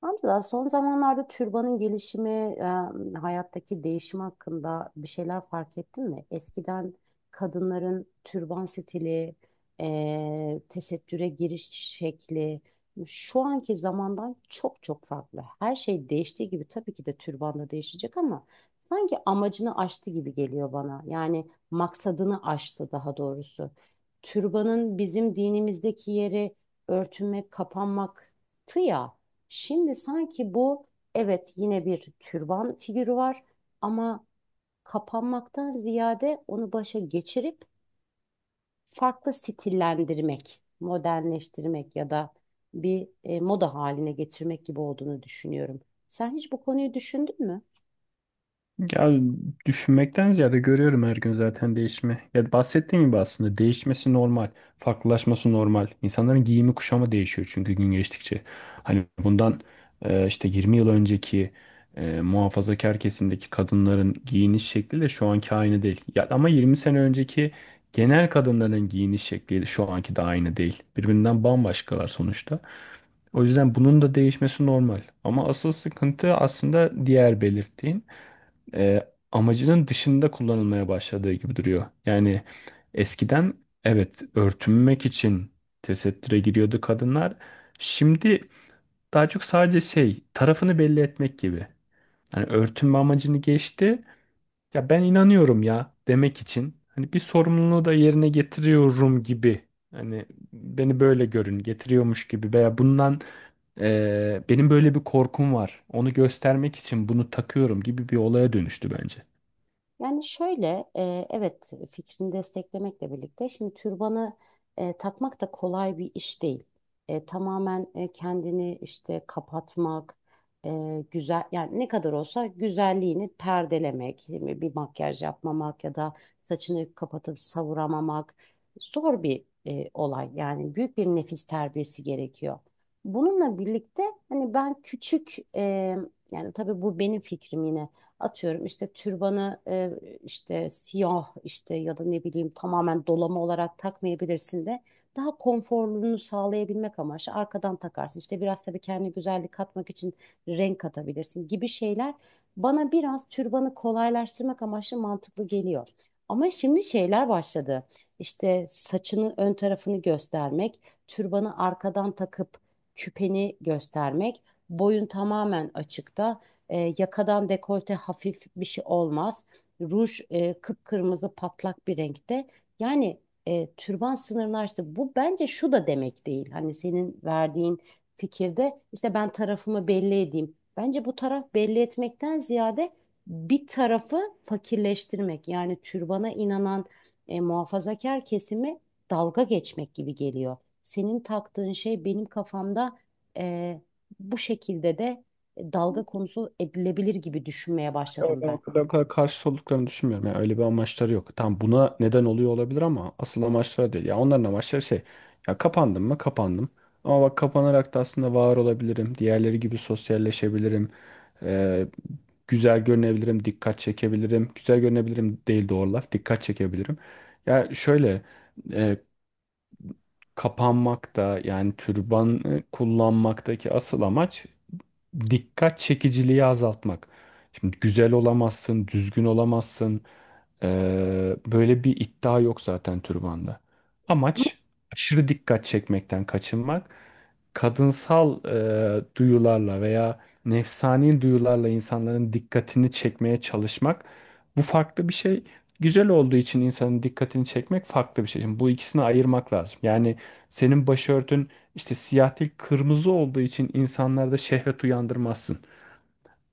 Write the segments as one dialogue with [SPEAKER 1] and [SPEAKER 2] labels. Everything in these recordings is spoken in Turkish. [SPEAKER 1] Hamza, son zamanlarda türbanın gelişimi, hayattaki değişim hakkında bir şeyler fark ettin mi? Eskiden kadınların türban stili, tesettüre giriş şekli şu anki zamandan çok çok farklı. Her şey değiştiği gibi tabii ki de türban da değişecek ama sanki amacını aştı gibi geliyor bana. Yani maksadını aştı daha doğrusu. Türbanın bizim dinimizdeki yeri örtünmek, kapanmaktı ya. Şimdi sanki bu, evet, yine bir türban figürü var ama kapanmaktan ziyade onu başa geçirip farklı stillendirmek, modernleştirmek ya da bir moda haline getirmek gibi olduğunu düşünüyorum. Sen hiç bu konuyu düşündün mü?
[SPEAKER 2] Ya düşünmekten ziyade görüyorum her gün zaten değişimi. Ya bahsettiğim gibi aslında değişmesi normal, farklılaşması normal. İnsanların giyimi kuşamı değişiyor çünkü gün geçtikçe. Hani bundan işte 20 yıl önceki muhafazakar kesimdeki kadınların giyiniş şekliyle şu anki aynı değil. Ya ama 20 sene önceki genel kadınların giyiniş şekli şu anki de aynı değil. Birbirinden bambaşkalar sonuçta. O yüzden bunun da değişmesi normal. Ama asıl sıkıntı aslında diğer belirttiğin amacının dışında kullanılmaya başladığı gibi duruyor. Yani eskiden evet örtünmek için tesettüre giriyordu kadınlar. Şimdi daha çok sadece şey tarafını belli etmek gibi. Hani örtünme amacını geçti. Ya ben inanıyorum ya demek için. Hani bir sorumluluğu da yerine getiriyorum gibi. Hani beni böyle görün getiriyormuş gibi veya bundan benim böyle bir korkum var. Onu göstermek için bunu takıyorum gibi bir olaya dönüştü bence.
[SPEAKER 1] Yani şöyle, evet, fikrini desteklemekle birlikte şimdi türbanı takmak da kolay bir iş değil. Tamamen kendini işte kapatmak, güzel, yani ne kadar olsa güzelliğini perdelemek, değil mi? Bir makyaj yapmamak ya da saçını kapatıp savuramamak zor bir olay. Yani büyük bir nefis terbiyesi gerekiyor. Bununla birlikte hani ben küçük yani tabii bu benim fikrim yine. Atıyorum işte türbanı işte siyah işte ya da ne bileyim, tamamen dolama olarak takmayabilirsin de daha konforluluğunu sağlayabilmek amaçlı arkadan takarsın. İşte biraz tabii kendi güzellik katmak için renk katabilirsin gibi şeyler bana biraz türbanı kolaylaştırmak amaçlı mantıklı geliyor. Ama şimdi şeyler başladı. İşte saçının ön tarafını göstermek, türbanı arkadan takıp küpeni göstermek, boyun tamamen açıkta. Yakadan dekolte hafif bir şey olmaz. Ruj kıpkırmızı patlak bir renkte. Yani türban sınırını aştı. Bu bence şu da demek değil. Hani senin verdiğin fikirde işte ben tarafımı belli edeyim. Bence bu taraf belli etmekten ziyade bir tarafı fakirleştirmek. Yani türbana inanan muhafazakar kesimi dalga geçmek gibi geliyor. Senin taktığın şey benim kafamda e, bu şekilde de dalga konusu edilebilir gibi düşünmeye
[SPEAKER 2] Ya
[SPEAKER 1] başladım
[SPEAKER 2] ben
[SPEAKER 1] ben.
[SPEAKER 2] o kadar, o kadar karşı olduklarını düşünmüyorum. Yani öyle bir amaçları yok. Tam buna neden oluyor olabilir ama asıl amaçları değil. Ya onların amaçları şey. Ya kapandım mı? Kapandım. Ama bak kapanarak da aslında var olabilirim. Diğerleri gibi sosyalleşebilirim. Ee, güzel görünebilirim. Dikkat çekebilirim. Güzel görünebilirim değil doğru laf. Dikkat çekebilirim. Ya şöyle. e, Kapanmakta yani türban kullanmaktaki asıl amaç dikkat çekiciliği azaltmak. Şimdi güzel olamazsın, düzgün olamazsın. Böyle bir iddia yok zaten türbanda.
[SPEAKER 1] Ama
[SPEAKER 2] Amaç aşırı dikkat çekmekten kaçınmak. Kadınsal duyularla veya nefsani duyularla insanların dikkatini çekmeye çalışmak. Bu farklı bir şey, güzel olduğu için insanın dikkatini çekmek farklı bir şey. Şimdi bu ikisini ayırmak lazım. Yani senin başörtün işte siyah değil kırmızı olduğu için insanlarda şehvet uyandırmazsın.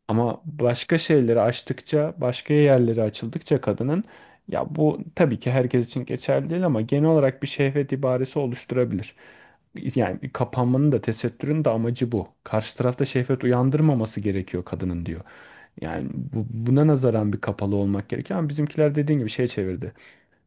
[SPEAKER 2] Ama başka şeyleri açtıkça, başka yerleri açıldıkça kadının, ya bu tabii ki herkes için geçerli değil ama genel olarak bir şehvet ibaresi oluşturabilir. Yani bir kapanmanın da tesettürün de amacı bu. Karşı tarafta şehvet uyandırmaması gerekiyor kadının diyor. Yani buna nazaran bir kapalı olmak gerekiyor ama bizimkiler dediğin gibi şey çevirdi.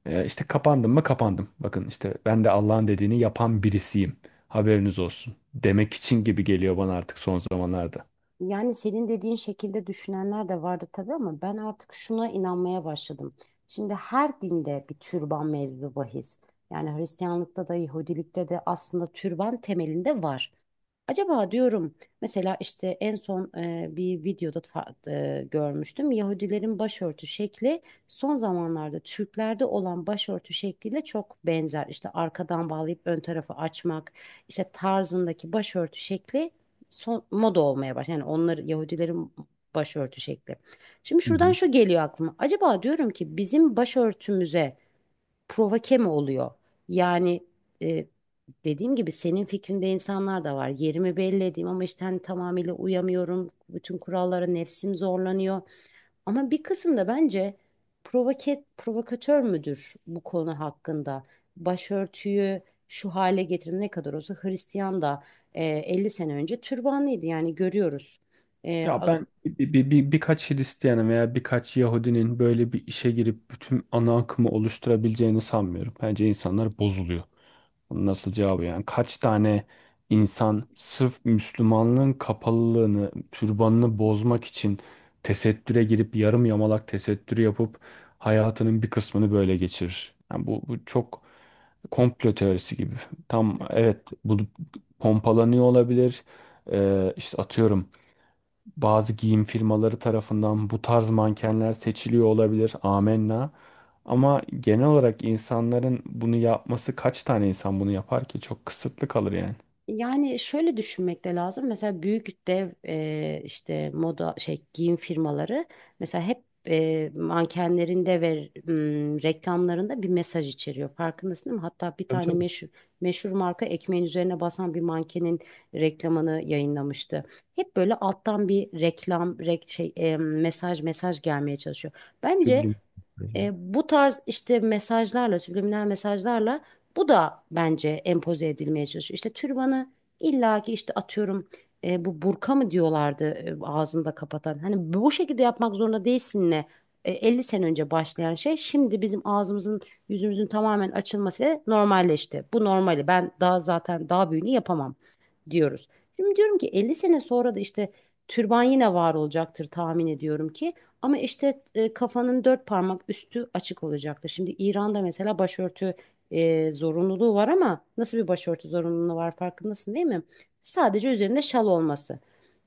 [SPEAKER 2] İşte kapandım mı kapandım. Bakın işte ben de Allah'ın dediğini yapan birisiyim. Haberiniz olsun. Demek için gibi geliyor bana artık son zamanlarda.
[SPEAKER 1] yani senin dediğin şekilde düşünenler de vardı tabii, ama ben artık şuna inanmaya başladım. Şimdi her dinde bir türban mevzu bahis. Yani Hristiyanlıkta da Yahudilikte de aslında türban temelinde var. Acaba diyorum, mesela işte en son bir videoda görmüştüm. Yahudilerin başörtü şekli son zamanlarda Türklerde olan başörtü şekliyle çok benzer. İşte arkadan bağlayıp ön tarafı açmak, işte tarzındaki başörtü şekli son moda olmaya başladı. Yani onlar Yahudilerin başörtü şekli. Şimdi şuradan şu geliyor aklıma. Acaba diyorum ki bizim başörtümüze provoke mi oluyor? Yani e, dediğim gibi senin fikrinde insanlar da var. Yerimi belli edeyim ama işte hani tamamıyla uyamıyorum. Bütün kurallara nefsim zorlanıyor. Ama bir kısım da bence provokatör müdür bu konu hakkında? Başörtüyü şu hale getirin, ne kadar olsa Hristiyan da 50 sene önce türbanlıydı, yani görüyoruz. E,
[SPEAKER 2] Ya ben birkaç Hristiyan'ın veya birkaç Yahudinin böyle bir işe girip bütün ana akımı oluşturabileceğini sanmıyorum. Bence insanlar bozuluyor. Bunun nasıl cevabı yani? Kaç tane insan sırf Müslümanlığın kapalılığını, türbanını bozmak için tesettüre girip yarım yamalak tesettürü yapıp hayatının bir kısmını böyle geçirir. Yani bu çok komplo teorisi gibi. Tam evet bu pompalanıyor olabilir. İşte atıyorum bazı giyim firmaları tarafından bu tarz mankenler seçiliyor olabilir. Amenna. Ama genel olarak insanların bunu yapması, kaç tane insan bunu yapar ki? Çok kısıtlı kalır yani.
[SPEAKER 1] Yani şöyle düşünmek de lazım. Mesela büyük dev işte moda şey giyim firmaları mesela hep mankenlerinde ve reklamlarında bir mesaj içeriyor. Farkındasın değil mi? Hatta bir
[SPEAKER 2] Tabii,
[SPEAKER 1] tane
[SPEAKER 2] tabii.
[SPEAKER 1] meşhur marka ekmeğin üzerine basan bir mankenin reklamını yayınlamıştı. Hep böyle alttan bir reklam, rek, şey e, mesaj mesaj gelmeye çalışıyor.
[SPEAKER 2] Şu
[SPEAKER 1] Bence
[SPEAKER 2] bilim.
[SPEAKER 1] bu tarz işte mesajlarla, subliminal mesajlarla bu da bence empoze edilmeye çalışıyor. İşte türbanı illaki işte atıyorum bu burka mı diyorlardı ağzında kapatan. Hani bu şekilde yapmak zorunda değilsin ne? 50 sene önce başlayan şey, şimdi bizim ağzımızın yüzümüzün tamamen açılması normalleşti. Bu normali ben daha, zaten daha büyüğünü yapamam diyoruz. Şimdi diyorum ki 50 sene sonra da işte türban yine var olacaktır tahmin ediyorum ki. Ama işte kafanın dört parmak üstü açık olacaktır. Şimdi İran'da mesela başörtü zorunluluğu var ama nasıl bir başörtü zorunluluğu var farkındasın değil mi? Sadece üzerinde şal olması.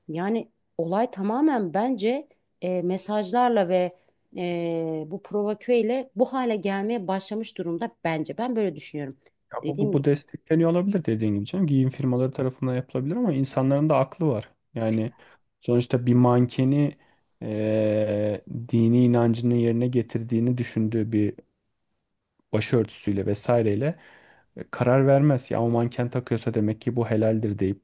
[SPEAKER 1] Yani olay tamamen bence mesajlarla ve bu provokeyle bu hale gelmeye başlamış durumda bence. Ben böyle düşünüyorum.
[SPEAKER 2] Ya
[SPEAKER 1] Dediğim
[SPEAKER 2] bu
[SPEAKER 1] gibi.
[SPEAKER 2] destekleniyor olabilir dediğin gibi canım. Giyim firmaları tarafından yapılabilir ama insanların da aklı var. Yani sonuçta bir mankeni dini inancının yerine getirdiğini düşündüğü bir başörtüsüyle vesaireyle karar vermez. Ya o manken takıyorsa demek ki bu helaldir deyip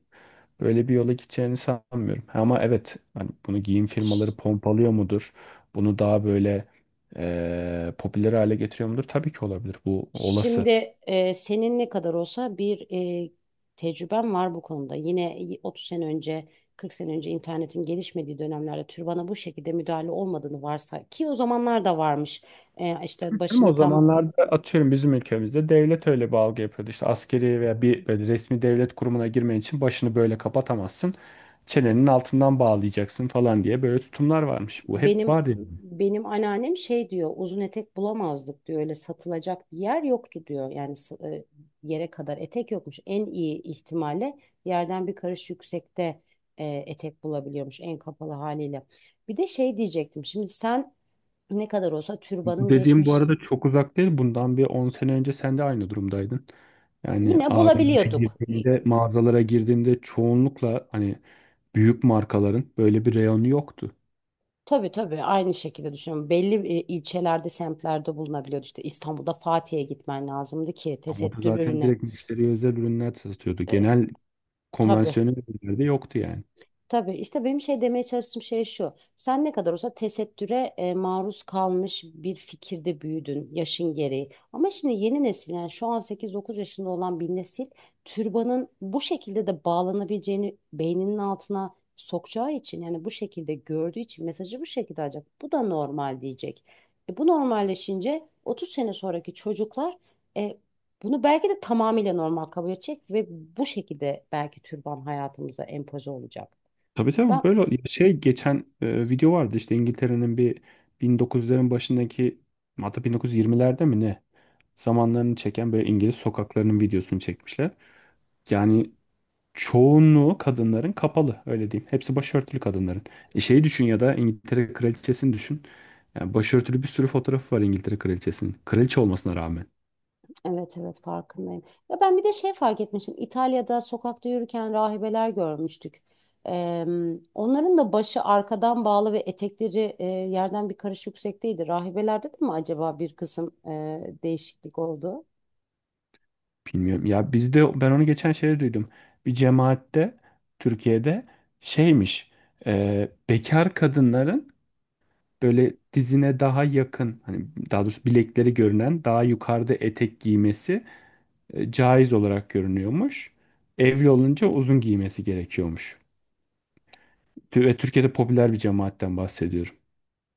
[SPEAKER 2] böyle bir yola gideceğini sanmıyorum. Ama evet hani bunu giyim firmaları pompalıyor mudur? Bunu daha böyle popüler hale getiriyor mudur? Tabii ki olabilir. Bu olası.
[SPEAKER 1] Şimdi senin ne kadar olsa bir e, tecrüben var bu konuda. Yine 30 sene önce, 40 sene önce internetin gelişmediği dönemlerde türbana bu şekilde müdahale olmadığını varsa ki o zamanlar da varmış. İşte
[SPEAKER 2] Ama o
[SPEAKER 1] başını tam.
[SPEAKER 2] zamanlarda atıyorum bizim ülkemizde devlet öyle bir algı yapıyordu. İşte askeri veya bir böyle resmi devlet kurumuna girmen için başını böyle kapatamazsın. Çenenin altından bağlayacaksın falan diye böyle tutumlar varmış. Bu hep
[SPEAKER 1] Benim
[SPEAKER 2] var ya.
[SPEAKER 1] benim anneannem şey diyor, uzun etek bulamazdık diyor, öyle satılacak bir yer yoktu diyor, yani yere kadar etek yokmuş, en iyi ihtimalle yerden bir karış yüksekte etek bulabiliyormuş en kapalı haliyle. Bir de şey diyecektim, şimdi sen ne kadar olsa
[SPEAKER 2] Bu
[SPEAKER 1] türbanın
[SPEAKER 2] dediğim bu
[SPEAKER 1] geçmiş,
[SPEAKER 2] arada çok uzak değil. Bundan bir 10 sene önce sen de aynı durumdaydın. Yani
[SPEAKER 1] yine
[SPEAKER 2] AVM'ye
[SPEAKER 1] bulabiliyorduk.
[SPEAKER 2] girdiğinde, mağazalara girdiğinde çoğunlukla hani büyük markaların böyle bir reyonu yoktu.
[SPEAKER 1] Tabii tabii, aynı şekilde düşünüyorum, belli ilçelerde semtlerde bulunabiliyordu, işte İstanbul'da Fatih'e gitmen lazımdı ki
[SPEAKER 2] Ama o da
[SPEAKER 1] tesettür
[SPEAKER 2] zaten
[SPEAKER 1] ürüne.
[SPEAKER 2] direkt müşteriye özel ürünler satıyordu.
[SPEAKER 1] E,
[SPEAKER 2] Genel
[SPEAKER 1] tabii.
[SPEAKER 2] konvansiyonel ürünlerde yoktu yani.
[SPEAKER 1] Tabii işte benim şey demeye çalıştığım şey şu. Sen ne kadar olsa tesettüre maruz kalmış bir fikirde büyüdün yaşın gereği. Ama şimdi yeni nesil, yani şu an sekiz, dokuz yaşında olan bir nesil türbanın bu şekilde de bağlanabileceğini beyninin altına sokacağı için, yani bu şekilde gördüğü için mesajı bu şekilde alacak. Bu da normal diyecek. Bu normalleşince 30 sene sonraki çocuklar e, bunu belki de tamamıyla normal kabul edecek ve bu şekilde belki türban hayatımıza empoze olacak.
[SPEAKER 2] Tabii, tabii,
[SPEAKER 1] Ben,
[SPEAKER 2] böyle şey geçen video vardı işte İngiltere'nin bir 1900'lerin başındaki, hatta 1920'lerde mi ne, zamanlarını çeken böyle İngiliz sokaklarının videosunu çekmişler. Yani çoğunluğu kadınların kapalı öyle diyeyim. Hepsi başörtülü kadınların. E şeyi düşün ya da İngiltere kraliçesini düşün. Yani başörtülü bir sürü fotoğrafı var İngiltere kraliçesinin. Kraliçe olmasına rağmen.
[SPEAKER 1] evet, evet, farkındayım. Ya ben bir de şey fark etmiştim. İtalya'da sokakta yürürken rahibeler görmüştük. Eee, onların da başı arkadan bağlı ve etekleri yerden bir karış yüksekteydi. Rahibelerde de mi acaba bir kısım değişiklik oldu?
[SPEAKER 2] Bilmiyorum. Ya bizde ben onu geçen şeyde duydum. Bir cemaatte, Türkiye'de şeymiş. Bekar kadınların böyle dizine daha yakın, hani daha doğrusu bilekleri görünen daha yukarıda etek giymesi caiz olarak görünüyormuş. Evli olunca uzun giymesi gerekiyormuş. Ve Türkiye'de popüler bir cemaatten bahsediyorum.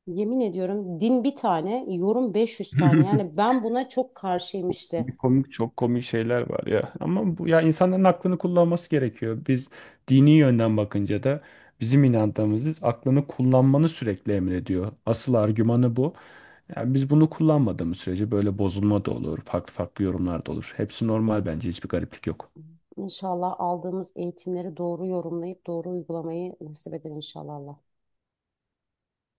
[SPEAKER 1] Yemin ediyorum, din bir tane, yorum 500 tane. Yani ben buna çok karşıyım
[SPEAKER 2] Çok
[SPEAKER 1] işte.
[SPEAKER 2] komik, çok komik şeyler var ya. Ama bu, ya insanların aklını kullanması gerekiyor. Biz dini yönden bakınca da bizim inancımız aklını kullanmanı sürekli emrediyor. Asıl argümanı bu. Yani biz bunu kullanmadığımız sürece böyle bozulma da olur, farklı farklı yorumlar da olur. Hepsi normal bence, hiçbir gariplik yok.
[SPEAKER 1] İnşallah aldığımız eğitimleri doğru yorumlayıp doğru uygulamayı nasip eder inşallah Allah.